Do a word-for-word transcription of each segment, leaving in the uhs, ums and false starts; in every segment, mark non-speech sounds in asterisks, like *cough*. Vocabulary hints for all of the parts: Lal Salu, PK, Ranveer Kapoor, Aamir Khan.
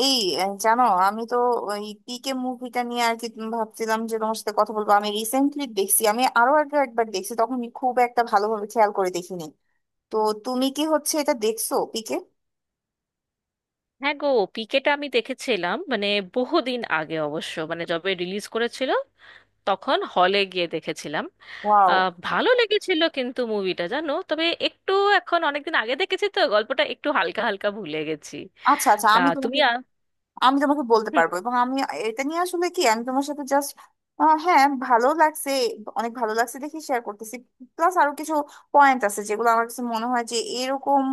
এই আহ, জানো, আমি তো ওই পিকে মুভিটা নিয়ে আর কি, তুমি ভাবছিলাম যে তোমার সাথে কথা বলবো। আমি রিসেন্টলি দেখছি, আমি আরো আগে একবার দেখছি, তখন আমি খুব একটা ভালোভাবে খেয়াল করে দেখিনি। তো তুমি কি হচ্ছে এটা দেখছো পিকে? হ্যাঁ গো, পিকেটা আমি দেখেছিলাম, মানে বহুদিন আগে অবশ্য, মানে যবে রিলিজ করেছিল তখন হলে গিয়ে দেখেছিলাম। ওয়াও। আহ, ভালো লেগেছিল কিন্তু মুভিটা, জানো, তবে একটু এখন অনেকদিন আগে দেখেছি তো গল্পটা একটু হালকা হালকা ভুলে গেছি। আচ্ছা আচ্ছা, তা আমি তোমাকে তুমি আ- আমি তোমাকে বলতে হুম, পারবো, এবং আমি এটা নিয়ে আসলে কি আমি তোমার সাথে জাস্ট, হ্যাঁ ভালো লাগছে, অনেক ভালো লাগছে দেখি, শেয়ার করতেছি। প্লাস আরো কিছু পয়েন্ট আছে যেগুলো আমার কাছে মনে হয় যে এরকম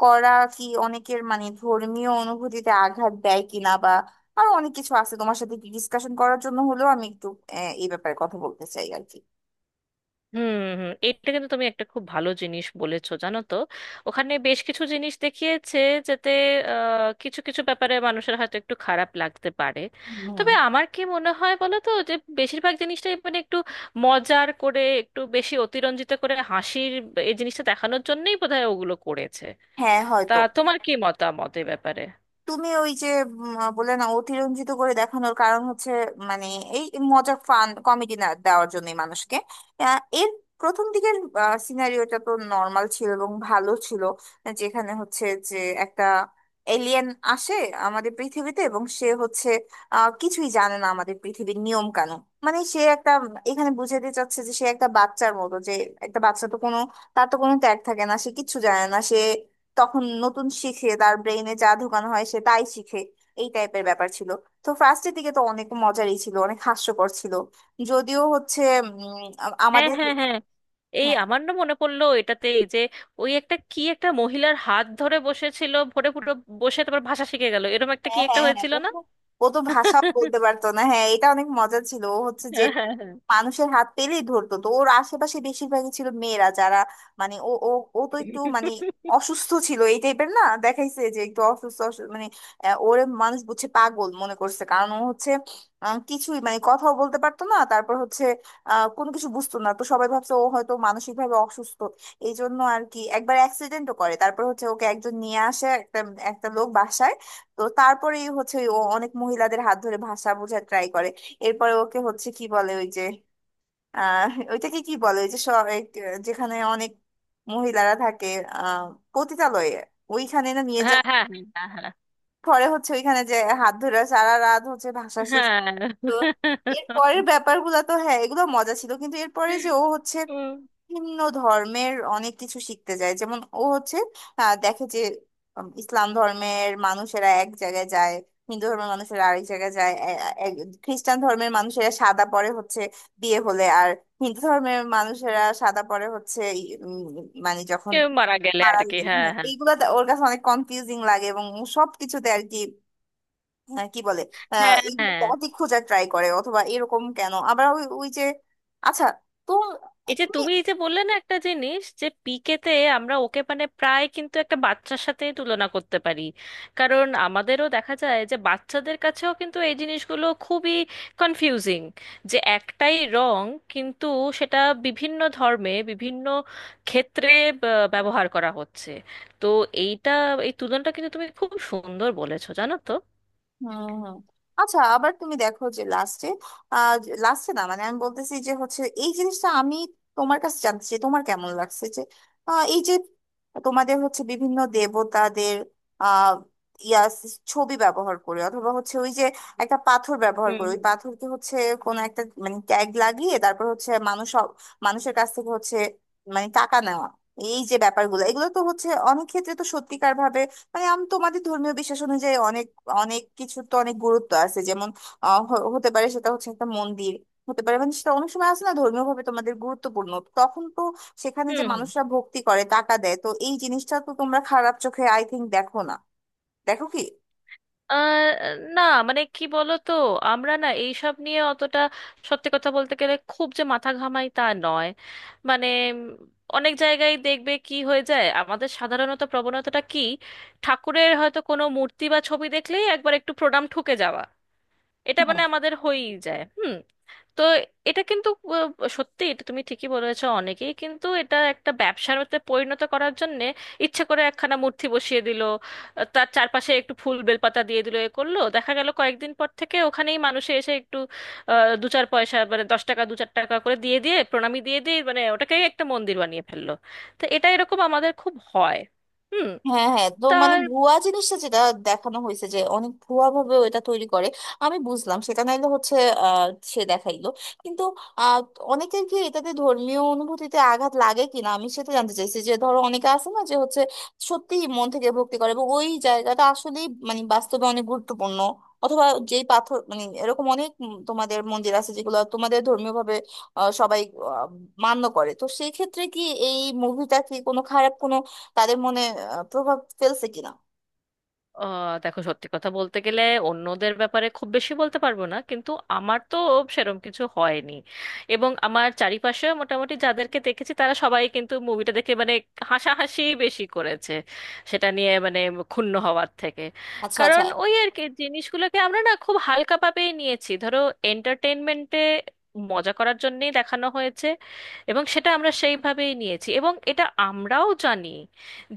করা কি অনেকের মানে ধর্মীয় অনুভূতিতে আঘাত দেয় কিনা, বা আরো অনেক কিছু আছে তোমার সাথে ডিসকাশন করার জন্য হলেও আমি একটু আহ, এই ব্যাপারে কথা বলতে চাই আর কি। হুম, হুম। এটা কিন্তু তুমি একটা খুব ভালো জিনিস বলেছো, জানো তো। ওখানে বেশ কিছু জিনিস দেখিয়েছে যাতে আহ, কিছু কিছু ব্যাপারে মানুষের হয়তো একটু খারাপ লাগতে পারে। তবে হুম। আমার কি মনে হয় বলো তো, যে বেশিরভাগ জিনিসটাই মানে একটু মজার করে, একটু বেশি অতিরঞ্জিত করে হাসির এই জিনিসটা দেখানোর জন্যই বোধহয় ওগুলো করেছে। হ্যাঁ তা হয়তো। তোমার কি মতামত এ ব্যাপারে? তুমি ওই যে উম, বলে না, অতিরঞ্জিত করে দেখানোর কারণ হচ্ছে মানে এই মজা ফান কমেডি না দেওয়ার জন্যই মানুষকে আহ, এর প্রথম দিকের সিনারিওটা তো নর্মাল ছিল এবং ভালো ছিল। যেখানে হচ্ছে যে একটা এলিয়েন আসে আমাদের পৃথিবীতে, এবং সে হচ্ছে আহ, কিছুই জানে না আমাদের পৃথিবীর নিয়ম কানুন। মানে সে একটা, এখানে বুঝাতে চাচ্ছে যে সে একটা বাচ্চার মতো, যে একটা বাচ্চা তো কোনো, তার তো কোনো ট্যাগ থাকে না, সে কিচ্ছু জানে না, সে তখন নতুন শিখে, তার ব্রেইনে যা ঢোকানো হয় সে তাই শিখে। এই টাইপের ব্যাপার ছিল। তো ফার্স্টের দিকে তো অনেক মজারই ছিল, অনেক হাস্যকর ছিল। যদিও হচ্ছে উম, আ- হ্যাঁ, আমাদের, হ্যাঁ, হ্যাঁ। এই হ্যাঁ আমার না মনে পড়লো এটাতে, এই যে ওই একটা কি একটা মহিলার হাত ধরে বসেছিল ভরে পুরো, বসে তারপর ভাষা শিখে গেল, এরকম একটা কি হ্যাঁ একটা হ্যাঁ হ্যাঁ, হয়েছিল ও না? তো ও তো ভাষাও বলতে পারতো না। হ্যাঁ এটা অনেক মজা ছিল। ও হচ্ছে যে হ্যাঁ, হ্যাঁ, মানুষের হাত পেলেই ধরতো, তো ওর আশেপাশে বেশিরভাগই ছিল মেয়েরা, যারা মানে ও ও, ও তো একটু মানে অসুস্থ ছিল এই টাইপের না দেখাইছে, যে একটু অসুস্থ অসু- মানে আহ, ওরে মানুষ বুঝছে, পাগল মনে করছে, কারণ ও হচ্ছে আহ, কিছুই মানে কথাও বলতে পারতো না। তারপর হচ্ছে আহ, কোনো কিছু বুঝতো না, তো সবাই ভাবছে ও হয়তো মানসিক ভাবে অসুস্থ। এই জন্য আর কি একবার অ্যাক্সিডেন্টও করে, তারপর হচ্ছে ওকে একজন নিয়ে আসে, একটা একটা লোক বাসায়। তো তারপরেই হচ্ছে ও অনেক মহিলাদের হাত ধরে ভাষা বোঝার ট্রাই করে। এরপরে ওকে হচ্ছে কি বলে ওই যে, আহ ওইটাকে কি বলে, ওই যে স- এক, যেখানে অনেক মহিলারা থাকে, আহ পতিতালয়ে, ওইখানে না নিয়ে হ্যাঁ। যায়। হ্যাঁ, হ্যাঁ, হ্যাঁ। পরে হচ্ছে ওইখানে যে হাত ধরে সারা রাত হচ্ছে ভাষা। হ্যাঁ। তো এর পরের ব্যাপারগুলো তো, হ্যাঁ এগুলো মজা ছিল, কিন্তু এরপরে যে ও হচ্ছে উম, ভিন্ন ধর্মের অনেক কিছু শিখতে যায়, যেমন ও হচ্ছে আহ, দেখে যে উম, ইসলাম ধর্মের মানুষেরা এক জায়গায় যায়, হিন্দু ধর্মের মানুষেরা আরেক জায়গায় যায়, এ- এ- খ্রিস্টান ধর্মের মানুষেরা সাদা পরে হচ্ছে বিয়ে হলে, আর হিন্দু ধর্মের মানুষেরা সাদা পরে হচ্ছে উম, মানে যখন কেউ মারা গেলে মারা আর কি, গেলে। হ্যাঁ, হ্যাঁ হ্যাঁ। এইগুলা তা- ওর কাছে অনেক কনফিউজিং লাগে, এবং সবকিছুতে আর কি। হ্যাঁ কি বলে আহ হ্যাঁ, এইগুলো হ্যাঁ, পথই খোঁজার ট্রাই করে, অথবা এরকম কেন। আবার ওই ওই যে, আচ্ছা, তো এই যে তুমি, তুমি এই যে বললে না একটা জিনিস, যে পিকেতে আমরা ওকে মানে প্রায় কিন্তু একটা বাচ্চার সাথে তুলনা করতে পারি। কারণ আমাদেরও দেখা যায় যে বাচ্চাদের কাছেও কিন্তু এই জিনিসগুলো খুবই কনফিউজিং, যে একটাই রং কিন্তু সেটা বিভিন্ন ধর্মে বিভিন্ন ক্ষেত্রে ব- ব্যবহার করা হচ্ছে। তো এইটা, এই তুলনাটা কিন্তু তুমি খুব সুন্দর বলেছো, জানো তো। হুম হুম। আচ্ছা আবার তুমি দেখো যে লাস্টে আহ লাস্টে না, মানে আমি বলতেছি যে হচ্ছে এই জিনিসটা আমি তোমার কাছে জানতে চাই তোমার কেমন লাগছে যে আহ, এই যে তোমাদের হচ্ছে বিভিন্ন দেবতাদের আহ ইয়া ছবি ব্যবহার করে, অথবা হচ্ছে ওই যে একটা পাথর ব্যবহার হুম, করে, ওই হুম, পাথরকে হচ্ছে কোনো একটা মানে ট্যাগ লাগিয়ে তারপর হচ্ছে মানুষ সব- মানুষের কাছ থেকে হচ্ছে মানে টাকা নেওয়া, এই যে ব্যাপারগুলো, এগুলো তো হচ্ছে অনেক ক্ষেত্রে তো সত্যিকার ভাবে মানে আমি তোমাদের ধর্মীয় বিশ্বাস অনুযায়ী অনেক অনেক কিছু তো অনেক গুরুত্ব আছে, যেমন আহ, হ- হতে পারে সেটা হচ্ছে একটা মন্দির, হতে পারে মানে সেটা অনেক সময় আছে না ধর্মীয় ভাবে তোমাদের গুরুত্বপূর্ণ, তখন তো সেখানে যে হুম। মানুষরা ভক্তি করে টাকা দেয়, তো এই জিনিসটা তো তোমরা খারাপ চোখে আই থিংক দেখো না, দেখো কি? আহ, না, মানে কি বলতো, আমরা না এইসব নিয়ে অতটা সত্যি কথা বলতে গেলে খুব যে মাথা ঘামাই তা নয়। মানে উম, অনেক জায়গায় দেখবে কি হয়ে যায়, আমাদের সাধারণত প্রবণতাটা কি, ঠাকুরের হয়তো কোনো মূর্তি বা ছবি দেখলেই একবার একটু প্রণাম ঠুকে যাওয়া, এটা মানে আমাদের হয়েই যায়। হুম। তো এটা কিন্তু আহ, সত্যি এটা তুমি ঠিকই বলেছো, অনেকেই কিন্তু এটা একটা ব্যবসার মধ্যে পরিণত করার জন্য ইচ্ছে করে একখানা মূর্তি বসিয়ে দিল, আহ, তার চারপাশে একটু ফুল বেলপাতা দিয়ে দিল, এ করলো, দেখা গেল কয়েকদিন পর থেকে ওখানেই মানুষে এসে একটু আহ, দু চার পয়সা মানে দশ টাকা দু চার টাকা করে দিয়ে দিয়ে প্রণামী দিয়ে দিয়ে মানে ওটাকেই একটা মন্দির বানিয়ে ফেললো। তো এটা এরকম আমাদের খুব হয়। হুম। হ্যাঁ হ্যাঁ। তো তা মানে ভুয়া জিনিসটা, যেটা দেখানো হয়েছে যে অনেক ভুয়া ভাবে ওটা তৈরি করে, আমি বুঝলাম সেটা, নাইলে হচ্ছে আহ, সে দেখাইলো। কিন্তু আহ, অনেকের কি এটাতে ধর্মীয় অনুভূতিতে আঘাত লাগে কিনা আমি সেটা জানতে চাইছি। যে ধরো অনেকে আছে না যে হচ্ছে সত্যি মন থেকে ভক্তি করে এবং ওই জায়গাটা আসলেই মানে বাস্তবে অনেক গুরুত্বপূর্ণ, অথবা যেই পাথর, মানে এরকম অনেক উম তোমাদের মন্দির আছে যেগুলো তোমাদের ধর্মীয় ভাবে সবাই আহ, মান্য করে, তো সেই ক্ষেত্রে কি এই মুভিটা কি কোনো খারাপ কোনো তাদের মনে আহ, প্রভাব ফেলছে কিনা? আহ দেখো, সত্যি কথা বলতে গেলে অন্যদের ব্যাপারে খুব বেশি বলতে পারবো না, কিন্তু আমার তো সেরম কিছু হয়নি। এবং আমার চারিপাশে মোটামুটি যাদেরকে দেখেছি তারা সবাই কিন্তু মুভিটা দেখে মানে হাসাহাসি বেশি করেছে সেটা নিয়ে, মানে ক্ষুণ্ণ হওয়ার থেকে। আচ্ছা আচ্ছা। কারণ ওই আর কি জিনিসগুলোকে আমরা না খুব হালকাভাবেই নিয়েছি, ধরো এন্টারটেনমেন্টে মজা করার জন্যেই দেখানো হয়েছে এবং সেটা আমরা সেইভাবেই নিয়েছি। এবং এটা আমরাও জানি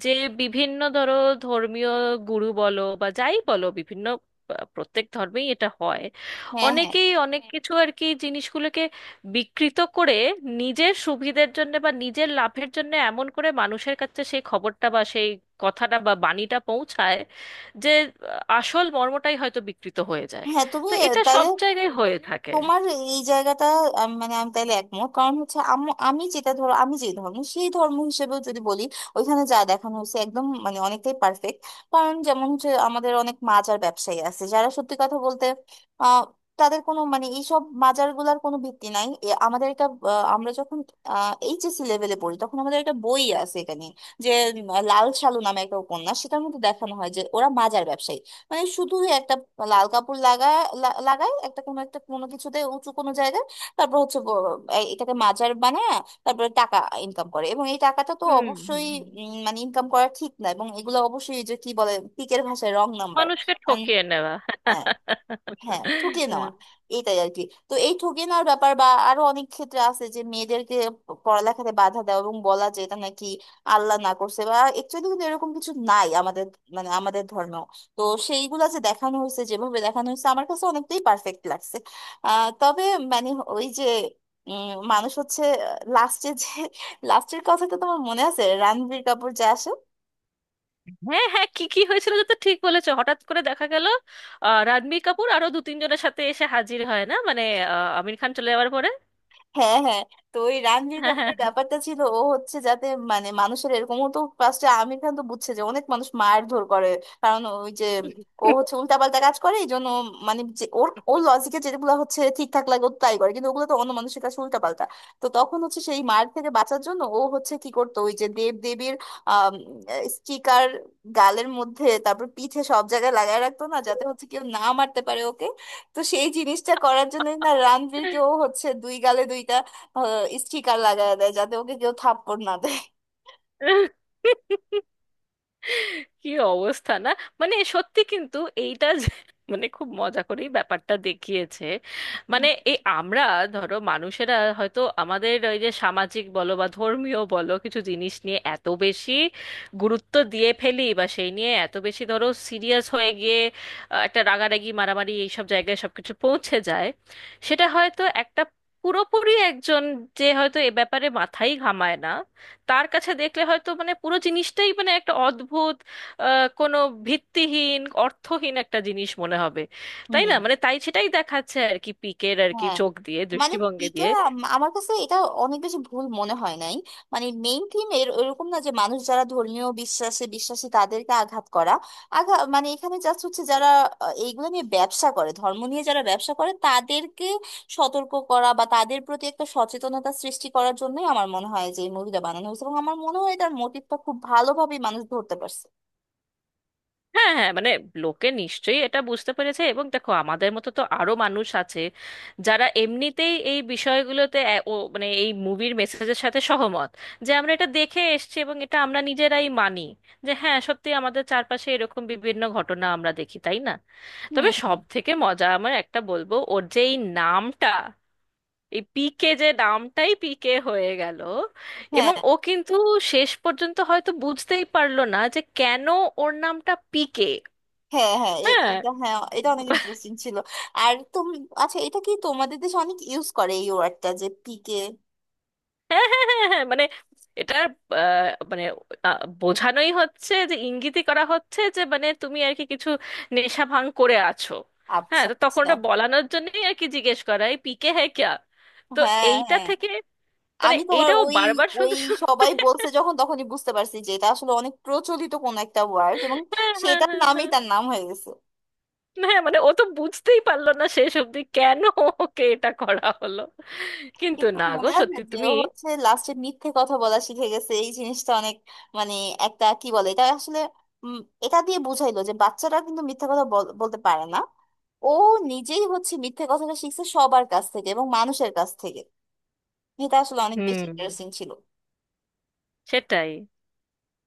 যে বিভিন্ন ধরো ধর্মীয় গুরু বলো বা যাই বলো, বিভিন্ন, আহ, প্রত্যেক ধর্মেই এটা হয়। হ্যাঁ হ্যাঁ অনেকেই অনেক কিছু আর কি জিনিসগুলোকে বিকৃত করে নিজের সুবিধের জন্য বা নিজের লাভের জন্য, এমন করে মানুষের কাছে সেই খবরটা বা সেই কথাটা বা বাণীটা পৌঁছায় যে আহ, আসল মর্মটাই হয়তো বিকৃত হয়ে যায়। হ্যাঁ। তুমি তো এটা সব তাইলে জায়গায় হয়ে থাকে। তোমার এই জায়গাটা, আম, মানে আমি তাইলে একমত, কারণ হচ্ছে আম- আমি যেটা, ধরো আমি যে ধর্ম, সেই ধর্ম হিসেবেও যদি বলি, ওইখানে যা দেখানো হয়েছে একদম মানে অনেকটাই পারফেক্ট। কারণ যেমন হচ্ছে আমাদের অনেক মাজার ব্যবসায়ী আছে, যারা সত্যি কথা বলতে আহ তাদের কোনো মানে এইসব মাজার গুলার কোনো ভিত্তি নাই। এ আমাদের একটা আহ, আমরা যখন এইচএসসি লেভেলে পড়ি তখন আমাদের একটা বই আছে এখানে, যে উম, লাল সালু নামে একটা উপন্যাস, সেটার মধ্যে দেখানো হয় যে ওরা মাজার ব্যবসায়ী, মানে শুধু একটা লাল কাপড় লাগায় লা- লাগায় একটা কোনো একটা কোনো কিছুতে, উঁচু কোনো জায়গায়, তারপর হচ্ছে ব- এই- এটাকে মাজার বানায়, তারপরে টাকা ইনকাম করে। এবং এই টাকাটা তো হুম, হুম। অবশ্যই হুম। উম, মানে ইনকাম করা ঠিক না, এবং এগুলো অবশ্যই এই যে কি বলে পিকের ভাষায় রং নাম্বার। মানুষকে ঠকিয়ে নেওয়া। হ্যাঁ ঠকিয়ে নেওয়া, *laughs* এইটাই আর কি। তো এই ঠকিয়ে নেওয়ার ব্যাপার, বা আরো অনেক ক্ষেত্রে আছে যে মেয়েদেরকে প- পড়ালেখাতে বাধা দেওয়া এবং বলা যে এটা নাকি আল্লাহ না করছে, বা একচুয়ালি কিন্তু এরকম কিছু নাই আমাদের মানে আমাদের ধর্মেও। তো সেইগুলা যে দেখানো হয়েছে যেভাবে দেখানো হয়েছে আমার কাছে অনেকটাই পারফেক্ট লাগছে। আহ তবে মানে ওই যে উম, মানুষ হচ্ছে লাস্টে যে *laughs* লাস্টের কথাটা তোমার মনে আছে, রণবীর কাপুর যে আসে? হ্যাঁ, হ্যাঁ, কি কি হয়েছিল যে, তো ঠিক বলেছো, হঠাৎ করে দেখা গেল আহ, রণবীর কাপুর আরো দু তিনজনের সাথে এসে হাজির হয় না, মানে আহ, আমির খান চলে যাওয়ার পরে। হ্যাঁ হ্যাঁ। তো ওই রণবীর হ্যাঁ। হ্যাঁ। কাপুরের ব্যাপারটা ছিল ও হচ্ছে যাতে মানে মানুষের, এরকমও তো ফার্স্টে আমির খান তো বুঝছে যে অনেক মানুষ মারধর করে, কারণ ওই যে ও হচ্ছে উল্টাপাল্টা কাজ করে এই জন্য। মানে যে ওর ওর লজিকে যেগুলো হচ্ছে ঠিকঠাক লাগে ও তাই করে, কিন্তু ওগুলো তো অন্য মানুষের কাছে উল্টাপাল্টা। তো তখন হচ্ছে সেই মার থেকে বাঁচার জন্য ও হচ্ছে কি করতো, ওই যে দেব দেবীর স্টিকার গালের মধ্যে তারপর পিঠে সব জায়গায় লাগায় রাখতো না, যাতে হচ্ছে কেউ না মারতে পারে ওকে। তো সেই জিনিসটা করার জন্য না রণবীরকেও হচ্ছে দুই গালে দুইটা আহ, স্টিকার লাগায় দেয়, যাতে ওকে কেউ থাপ্পড় না দেয়। হ্যাঁ। *laughs* কি অবস্থা না, মানে সত্যি কিন্তু এইটা যে- *laughs* মানে খুব মজা করেই ব্যাপারটা দেখিয়েছে। মানে এই আমরা ধরো মানুষেরা হয়তো আমাদের ওই যে সামাজিক বলো বা ধর্মীয় বলো কিছু জিনিস নিয়ে এত বেশি গুরুত্ব দিয়ে ফেলি, বা সেই নিয়ে এত বেশি ধরো সিরিয়াস হয়ে গিয়ে আহ, একটা রাগারাগি মারামারি এইসব জায়গায় সবকিছু পৌঁছে যায়। সেটা হয়তো একটা পুরোপুরি একজন, যে হয়তো এ ব্যাপারে মাথাই ঘামায় না, তার কাছে দেখলে হয়তো মানে পুরো জিনিসটাই মানে একটা অদ্ভুত আহ, কোনো ভিত্তিহীন অর্থহীন একটা জিনিস মনে হবে, হুম। তাই না? মানে তাই সেটাই দেখাচ্ছে আর কি, পিকের আর কি হ্যাঁ চোখ দিয়ে, মানে দৃষ্টিভঙ্গি পিকের, দিয়ে। আমার কাছে এটা অনেক বেশি ভুল মনে হয় নাই। মানে মেইন থিম এর ওরকম না যে মানুষ যারা ধর্মীয় বিশ্বাসে বিশ্বাসী তাদেরকে আঘাত করা। আঘাত মানে এখানে জাস্ট হচ্ছে যারা আহ, এইগুলো নিয়ে ব্যবসা করে, ধর্ম নিয়ে যারা ব্যবসা করে তাদেরকে সতর্ক করা বা তাদের প্রতি একটা সচেতনতা সৃষ্টি করার জন্যই আমার মনে হয় যে এই মুভিটা বানানো হয়েছে। এবং আমার মনে হয় এটার মোটিভটা খুব ভালোভাবেই মানুষ ধরতে পারছে। হ্যাঁ, হ্যাঁ, মানে লোকে নিশ্চয়ই এটা বুঝতে পেরেছে। এবং দেখো আমাদের মতো তো আরো মানুষ আছে যারা এমনিতেই এই বিষয়গুলোতে এ- ও, মানে এই মুভির মেসেজের সাথে সহমত, যে আমরা এটা দেখে এসেছি এবং এটা আমরা নিজেরাই মানি, যে হ্যাঁ সত্যি আমাদের চারপাশে এরকম বিভিন্ন ঘটনা আমরা দেখি, তাই না। হুম তবে হুম। সব থেকে মজা আমার একটা বলবো, ওর যে এই নামটা, এই পিকে যে নামটাই পিকে হয়ে গেল, হ্যাঁ এবং ও কিন্তু শেষ পর্যন্ত হয়তো বুঝতেই পারলো না যে কেন ওর নামটা পিকে। হ্যাঁ হ্যাঁ এ- হ্যাঁ, এটা, হ্যাঁ এটা অনেক ইন্টারেস্টিং ছিল। আর তুমি, আচ্ছা এটা কি তোমাদের দেশে অনেক ইউজ করে এই ওয়ার্ডটা যে পিকে? হ্যাঁ, হ্যাঁ, হ্যাঁ, হ্যাঁ, মানে এটা আহ, মানে আহ, বোঝানোই হচ্ছে, যে ইঙ্গিতই করা হচ্ছে যে মানে তুমি আর কি কিছু নেশা ভাঙ করে আছো। হ্যাঁ, আচ্ছা তো তখন আচ্ছা। ওটা বলানোর জন্যই আর কি জিজ্ঞেস করা, এই পিকে হ্যাঁ ক্যা। তো হ্যাঁ এইটা হ্যাঁ। থেকে মানে আমি তোমার এইটাও ওই বারবার ওই শুনতে শুনতে সবাই বলছে যখন তখনই বুঝতে পারছি যে এটা আসলে অনেক প্রচলিত কোন একটা ওয়ার্ড, এবং হ্যাঁ, হ্যাঁ, সেটার হ্যাঁ, নামই হ্যাঁ। তার নাম হয়ে গেছে। হ্যাঁ, মানে ও তো বুঝতেই পারলো না শেষ অবধি কেন ওকে এটা করা হলো। কিন্তু কিন্তু না গো, মনে আছে সত্যি যে তুমি ও হচ্ছে লাস্টে মিথ্যে কথা বলা শিখে গেছে, এই জিনিসটা অনেক মানে একটা কি বলে এটা আসলে উম, এটা দিয়ে বুঝাইলো যে বাচ্চারা কিন্তু মিথ্যে কথা বল- বলতে পারে না। ও নিজেই হচ্ছে মিথ্যে কথাটা শিখছে সবার কাছ থেকে এবং মানুষের কাছ থেকে। এটা আসলে অনেক বেশি হুম, ইন্টারেস্টিং ছিল। সেটাই।